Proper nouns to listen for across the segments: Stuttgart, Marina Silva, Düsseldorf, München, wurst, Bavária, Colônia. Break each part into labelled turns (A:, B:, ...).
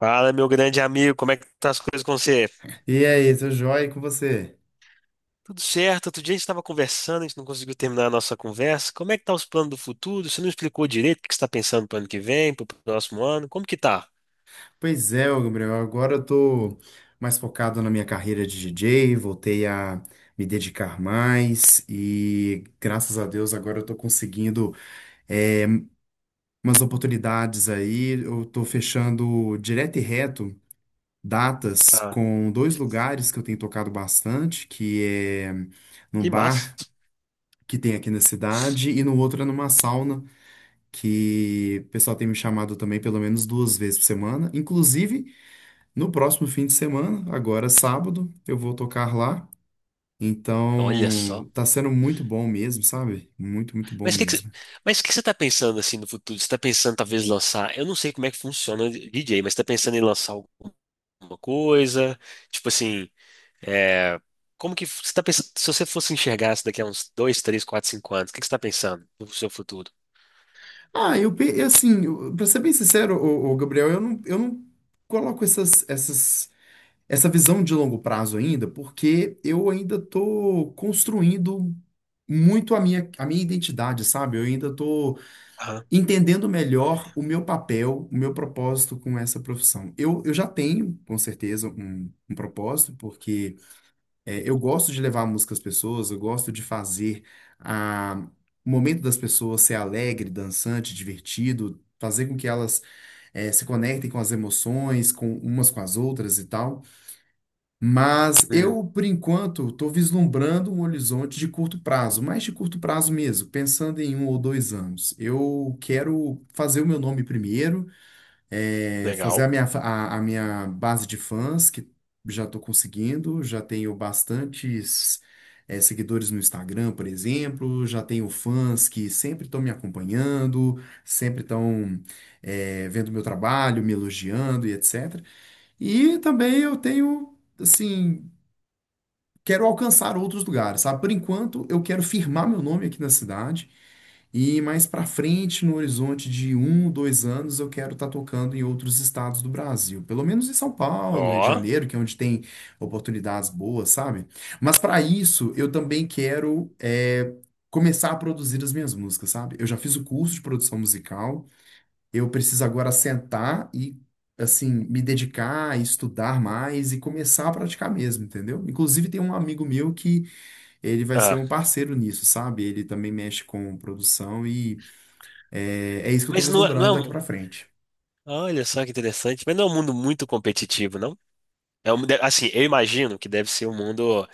A: Fala, meu grande amigo, como é que tá as coisas com você?
B: E aí, seu joia, e com você?
A: Tudo certo? Outro dia a gente estava conversando, a gente não conseguiu terminar a nossa conversa. Como é que tá os planos do futuro? Você não explicou direito o que você está pensando pro ano que vem, pro próximo ano? Como que tá?
B: Pois é, ô Gabriel, agora eu tô mais focado na minha carreira de DJ, voltei a me dedicar mais e graças a Deus agora eu tô conseguindo é, umas oportunidades aí. Eu tô fechando direto e reto datas
A: Ah,
B: com dois lugares que eu tenho tocado bastante, que é num
A: que massa.
B: bar que tem aqui na cidade e no outro é numa sauna que o pessoal tem me chamado também pelo menos duas vezes por semana. Inclusive, no próximo fim de semana, agora sábado, eu vou tocar lá.
A: Olha só.
B: Então, tá sendo muito bom mesmo, sabe? Muito, muito bom
A: Mas o que que você,
B: mesmo.
A: mas o que que você tá pensando assim no futuro? Você tá pensando talvez lançar, eu não sei como é que funciona o DJ, mas você tá pensando em lançar alguma coisa? Tipo assim, é, como que você tá pensando, se você fosse enxergar isso daqui a uns dois, três, quatro, cinco anos, o que que você tá pensando no seu futuro?
B: Ah, eu, pe- assim, eu- Pra ser bem sincero, o, Gabriel, eu não coloco essa visão de longo prazo ainda, porque eu ainda tô construindo muito a minha identidade, sabe? Eu ainda tô
A: Ah,
B: entendendo melhor o meu papel, o meu propósito com essa profissão. Eu já tenho, com certeza, um propósito, porque eu gosto de levar a música às pessoas, eu gosto de fazer a, o momento das pessoas ser alegre, dançante, divertido, fazer com que elas se conectem com as emoções, com umas com as outras e tal. Mas
A: hum,
B: eu, por enquanto, estou vislumbrando um horizonte de curto prazo, mais de curto prazo mesmo, pensando em um ou dois anos. Eu quero fazer o meu nome primeiro, fazer
A: legal.
B: a minha base de fãs, que já estou conseguindo, já tenho bastantes, seguidores no Instagram, por exemplo, já tenho fãs que sempre estão me acompanhando, sempre estão vendo meu trabalho, me elogiando e etc. E também eu tenho. Assim, quero alcançar outros lugares, sabe? Por enquanto, eu quero firmar meu nome aqui na cidade e mais pra frente, no horizonte de um, dois anos, eu quero estar tocando em outros estados do Brasil, pelo menos em São Paulo, Rio de
A: Ó.
B: Janeiro, que é onde tem oportunidades boas, sabe? Mas para isso, eu também quero começar a produzir as minhas músicas, sabe? Eu já fiz o curso de produção musical. Eu preciso agora sentar e, assim, me dedicar, estudar mais e começar a praticar mesmo, entendeu? Inclusive, tem um amigo meu que ele vai ser
A: Ah,
B: um parceiro nisso, sabe? Ele também mexe com produção e é isso que eu tô
A: mas não é, não
B: vislumbrando
A: é
B: daqui
A: um-
B: pra frente.
A: Olha só que interessante. Mas não é um mundo muito competitivo, não? Assim, eu imagino que deve ser um mundo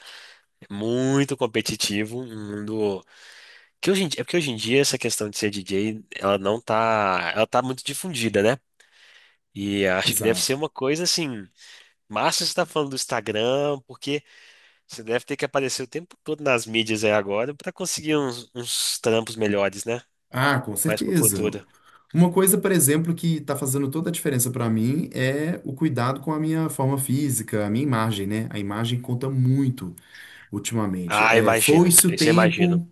A: muito competitivo, um mundo que hoje em dia essa questão de ser DJ, ela não tá, ela tá muito difundida, né? E acho que deve
B: Exato.
A: ser uma coisa assim. Massa você está falando do Instagram, porque você deve ter que aparecer o tempo todo nas mídias aí agora para conseguir uns trampos melhores, né?
B: Ah, com
A: Mais pro
B: certeza.
A: futuro.
B: Uma coisa, por exemplo, que está fazendo toda a diferença para mim é o cuidado com a minha forma física, a minha imagem, né? A imagem conta muito ultimamente.
A: Ah,
B: É,
A: imagino.
B: foi-se o
A: Isso eu imagino.
B: tempo,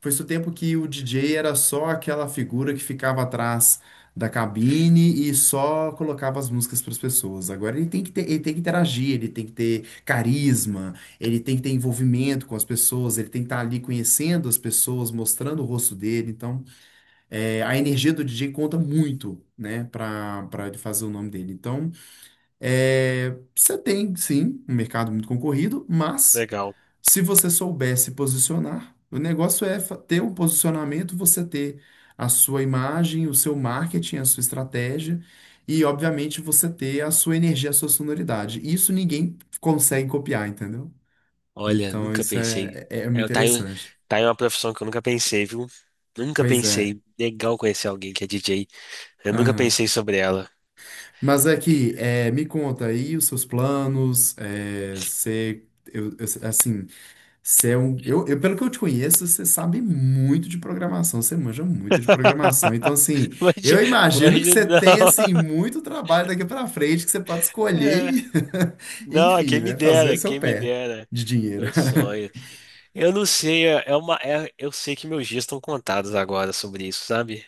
B: foi esse o tempo que o DJ era só aquela figura que ficava atrás da cabine e só colocava as músicas para as pessoas. Agora ele tem que ter, ele tem que interagir, ele tem que ter carisma, ele tem que ter envolvimento com as pessoas, ele tem que estar ali conhecendo as pessoas, mostrando o rosto dele. Então, a energia do DJ conta muito, né, para ele fazer o nome dele. Então, você tem, sim, um mercado muito concorrido, mas
A: Legal.
B: se você souber se posicionar, o negócio é ter um posicionamento, você ter a sua imagem, o seu marketing, a sua estratégia e, obviamente, você ter a sua energia, a sua sonoridade. Isso ninguém consegue copiar, entendeu?
A: Olha,
B: Então,
A: nunca
B: isso
A: pensei.
B: é muito
A: É, tá aí, um,
B: interessante.
A: tá aí uma profissão que eu nunca pensei, viu? Nunca
B: Pois é.
A: pensei. Legal conhecer alguém que é DJ. Eu nunca
B: Aham.
A: pensei sobre ela.
B: Mas
A: Que-
B: aqui, me conta aí os seus planos. Eu, eu- assim, Você é um, eu, pelo que eu te conheço, você sabe muito de programação, você manja muito de programação. Então, assim,
A: Imagina,
B: eu imagino que
A: imagina,
B: você tem, assim,
A: não.
B: muito trabalho daqui para frente que você pode escolher
A: É.
B: e,
A: Não, é
B: enfim,
A: quem me
B: né,
A: dera,
B: fazer
A: é
B: seu
A: quem me
B: pé
A: dera.
B: de dinheiro.
A: Meu sonho. Eu não sei, eu sei que meus dias estão contados agora sobre isso, sabe?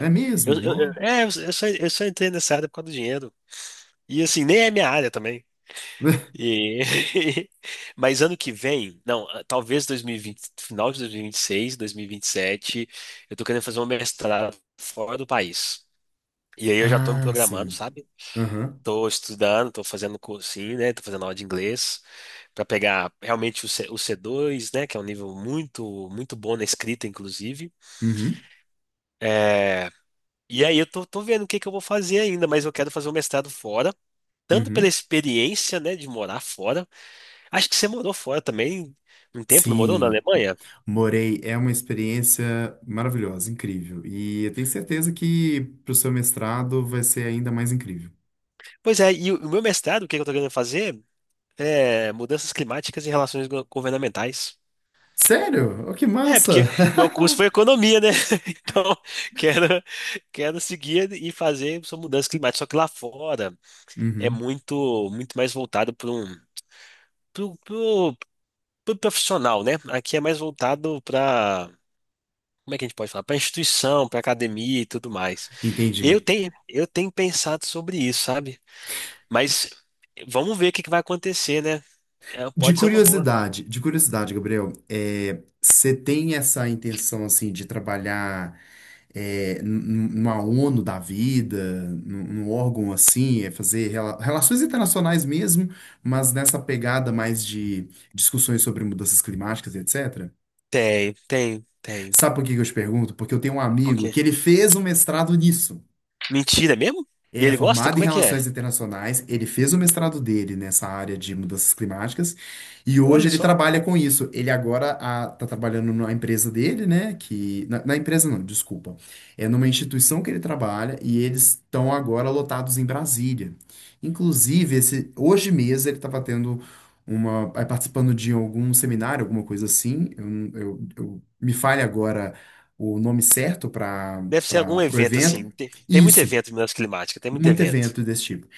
B: Não é mesmo? Não?
A: eu só entrei nessa área por causa do dinheiro. E assim, nem é minha área também. E, mas ano que vem, não, ah, talvez 2020, final de 2026, 2027, eu tô querendo fazer um mestrado fora do país. E aí eu já tô me
B: Ah,
A: programando,
B: sim.
A: sabe?
B: Aham.
A: Estou estudando, estou fazendo cursinho, né? Estou fazendo aula de inglês para pegar realmente o C2, né? Que é um nível muito, muito bom na escrita, inclusive.
B: Uhum.
A: É, e aí eu tô, tô vendo o que que eu vou fazer ainda, mas eu quero fazer um mestrado fora, tanto pela
B: Uhum.
A: experiência, né, de morar fora. Acho que você morou fora também um tempo, não morou na
B: Sim.
A: Alemanha?
B: Morei, é uma experiência maravilhosa, incrível. E eu tenho certeza que para o seu mestrado vai ser ainda mais incrível.
A: Pois é, e o meu mestrado, o que que eu tô querendo fazer? É mudanças climáticas e relações governamentais.
B: Sério? Oh, que
A: É,
B: massa!
A: porque meu curso foi economia, né? Então, quero, quero seguir e fazer essa mudança climática. Só que lá fora é
B: Uhum,
A: muito, muito mais voltado para pro, pro, pro profissional, né? Aqui é mais voltado para, como é que a gente pode falar? Para instituição, para academia e tudo mais.
B: entendi.
A: Eu tenho pensado sobre isso, sabe? Mas vamos ver o que que vai acontecer, né? É, pode ser uma boa.
B: De curiosidade, Gabriel, você tem essa intenção assim de trabalhar numa ONU da vida, num órgão assim, fazer relações internacionais mesmo, mas nessa pegada mais de discussões sobre mudanças climáticas, etc.
A: Tem, tem, tem.
B: Sabe por que que eu te pergunto? Porque eu tenho um
A: Por
B: amigo
A: quê?
B: que ele fez um mestrado nisso.
A: Mentira mesmo? E
B: Ele é
A: ele gosta?
B: formado em
A: Como é que é?
B: Relações Internacionais, ele fez o mestrado dele nessa área de mudanças climáticas e hoje
A: Olha
B: ele
A: só.
B: trabalha com isso. Ele agora está trabalhando na empresa dele, né? Na empresa não, desculpa. É numa instituição que ele trabalha e eles estão agora lotados em Brasília. Inclusive, esse, hoje mesmo ele estava tendo uma, aí participando de algum seminário, alguma coisa assim. Me falha agora o nome certo
A: Deve ser algum
B: para o
A: evento,
B: evento.
A: assim. Tem, tem muito
B: Isso.
A: evento de mudança climática, tem muito
B: Muito
A: evento.
B: evento desse tipo.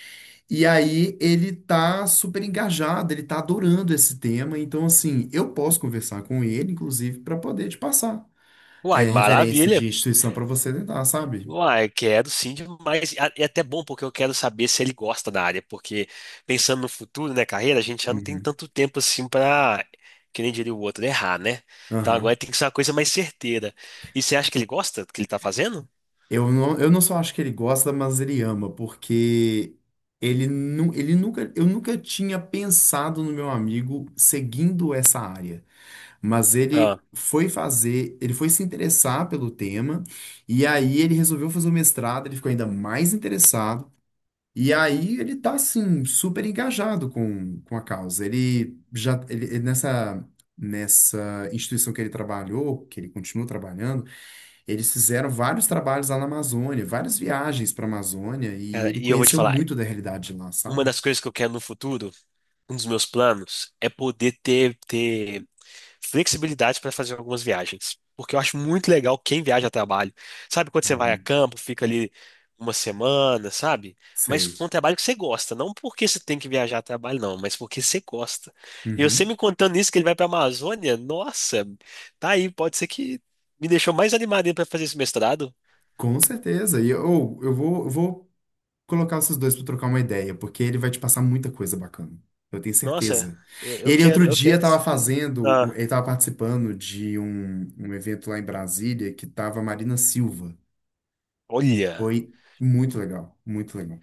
B: E aí ele tá super engajado, ele tá adorando esse tema, então assim, eu posso conversar com ele, inclusive, para poder te passar
A: Uai,
B: referência
A: maravilha.
B: de instituição para você tentar, sabe?
A: Uai, quero sim demais. E a- e é até bom porque eu quero saber se ele gosta da área, porque pensando no futuro, né, carreira, a gente já não tem
B: Uhum.
A: tanto tempo assim pra, que nem diria o outro, errar, né? Então
B: Aham.
A: agora tem que ser uma coisa mais certeira. E você acha que ele gosta do que ele tá fazendo?
B: Eu não só acho que ele gosta, mas ele ama, porque ele, nu, ele nunca, eu nunca tinha pensado no meu amigo seguindo essa área. Mas ele
A: Ah,
B: foi fazer, ele foi se interessar pelo tema, e aí ele resolveu fazer o mestrado, ele ficou ainda mais interessado, e aí ele tá, assim, super engajado com a causa. Ele nessa, nessa instituição que ele trabalhou, que ele continua trabalhando, eles fizeram vários trabalhos lá na Amazônia, várias viagens para a Amazônia, e
A: cara,
B: ele
A: e eu vou te
B: conheceu
A: falar,
B: muito da realidade de lá,
A: uma
B: sabe?
A: das coisas que eu quero no futuro, um dos meus planos, é poder ter flexibilidade para fazer algumas viagens. Porque eu acho muito legal quem viaja a trabalho. Sabe quando você vai a
B: Uhum.
A: campo, fica ali uma semana, sabe? Mas
B: Sei.
A: com um trabalho que você gosta, não porque você tem que viajar a trabalho, não, mas porque você gosta. E você
B: Uhum.
A: me contando isso, que ele vai para a Amazônia, nossa, tá aí, pode ser que me deixou mais animado para fazer esse mestrado.
B: Com certeza. E eu vou colocar vocês dois para trocar uma ideia, porque ele vai te passar muita coisa bacana. Eu tenho
A: Nossa,
B: certeza.
A: eu
B: Ele
A: quero,
B: outro
A: eu
B: dia
A: quero
B: estava
A: sim.
B: fazendo,
A: Ah,
B: ele estava participando de um evento lá em Brasília que estava Marina Silva.
A: olha.
B: Foi muito legal, muito legal.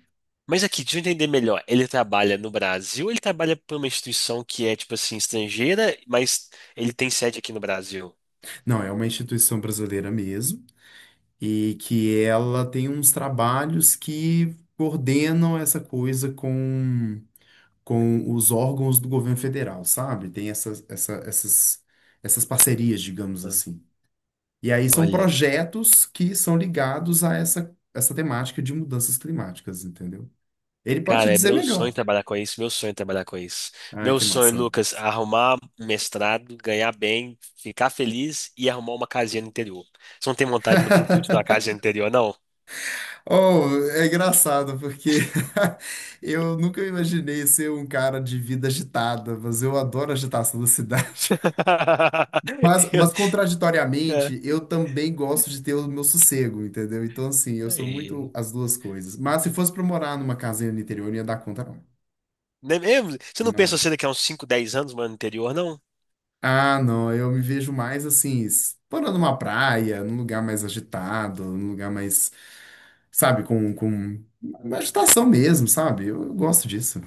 A: Mas aqui, deixa eu entender melhor. Ele trabalha no Brasil, ou ele trabalha para uma instituição que é, tipo assim, estrangeira, mas ele tem sede aqui no Brasil.
B: Não, é uma instituição brasileira mesmo, e que ela tem uns trabalhos que coordenam essa coisa com os órgãos do governo federal, sabe? Tem essas, essas parcerias, digamos
A: Ah,
B: assim. E aí são
A: olha,
B: projetos que são ligados a essa temática de mudanças climáticas, entendeu? Ele pode te
A: cara, é
B: dizer
A: meu sonho
B: melhor.
A: trabalhar com isso, meu sonho é trabalhar com isso.
B: Ai,
A: Meu
B: que
A: sonho,
B: maçã.
A: Lucas, é arrumar um mestrado, ganhar bem, ficar feliz e arrumar uma casinha no interior. Você não tem vontade no futuro de ter uma casinha no interior, não?
B: Oh, é engraçado, porque eu nunca imaginei ser um cara de vida agitada, mas eu adoro a agitação da cidade.
A: Eu-
B: Mas
A: é.
B: contraditoriamente, eu também gosto de ter o meu sossego, entendeu? Então, assim, eu sou muito
A: Aí.
B: as duas coisas. Mas se fosse pra morar numa casinha no interior, eu não ia dar conta, não.
A: Nem- eu- Você não pensa
B: Não.
A: assim daqui a uns 5 10 anos, mano, anterior, não?
B: Ah, não, eu me vejo mais assim, morando numa praia, num lugar mais agitado, num lugar mais, sabe, com uma agitação mesmo, sabe? Eu gosto disso.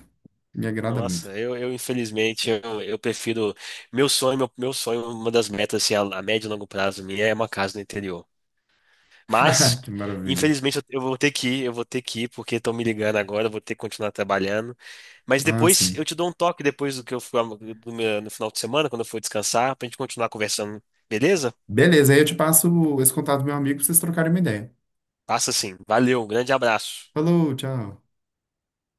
B: Me agrada muito.
A: Nossa, eu infelizmente, eu prefiro. Meu sonho, uma das metas, assim, a médio e longo prazo minha é uma casa no interior. Mas,
B: Que maravilha.
A: infelizmente, eu vou ter que ir, eu vou ter que ir, porque estão me ligando agora, eu vou ter que continuar trabalhando. Mas
B: Ah,
A: depois
B: sim.
A: eu te dou um toque depois do que eu fui do meu- no final de semana, quando eu for descansar, pra gente continuar conversando, beleza?
B: Beleza, aí eu te passo esse contato do meu amigo pra vocês trocarem uma ideia.
A: Passa sim. Valeu, um grande abraço.
B: Falou, tchau.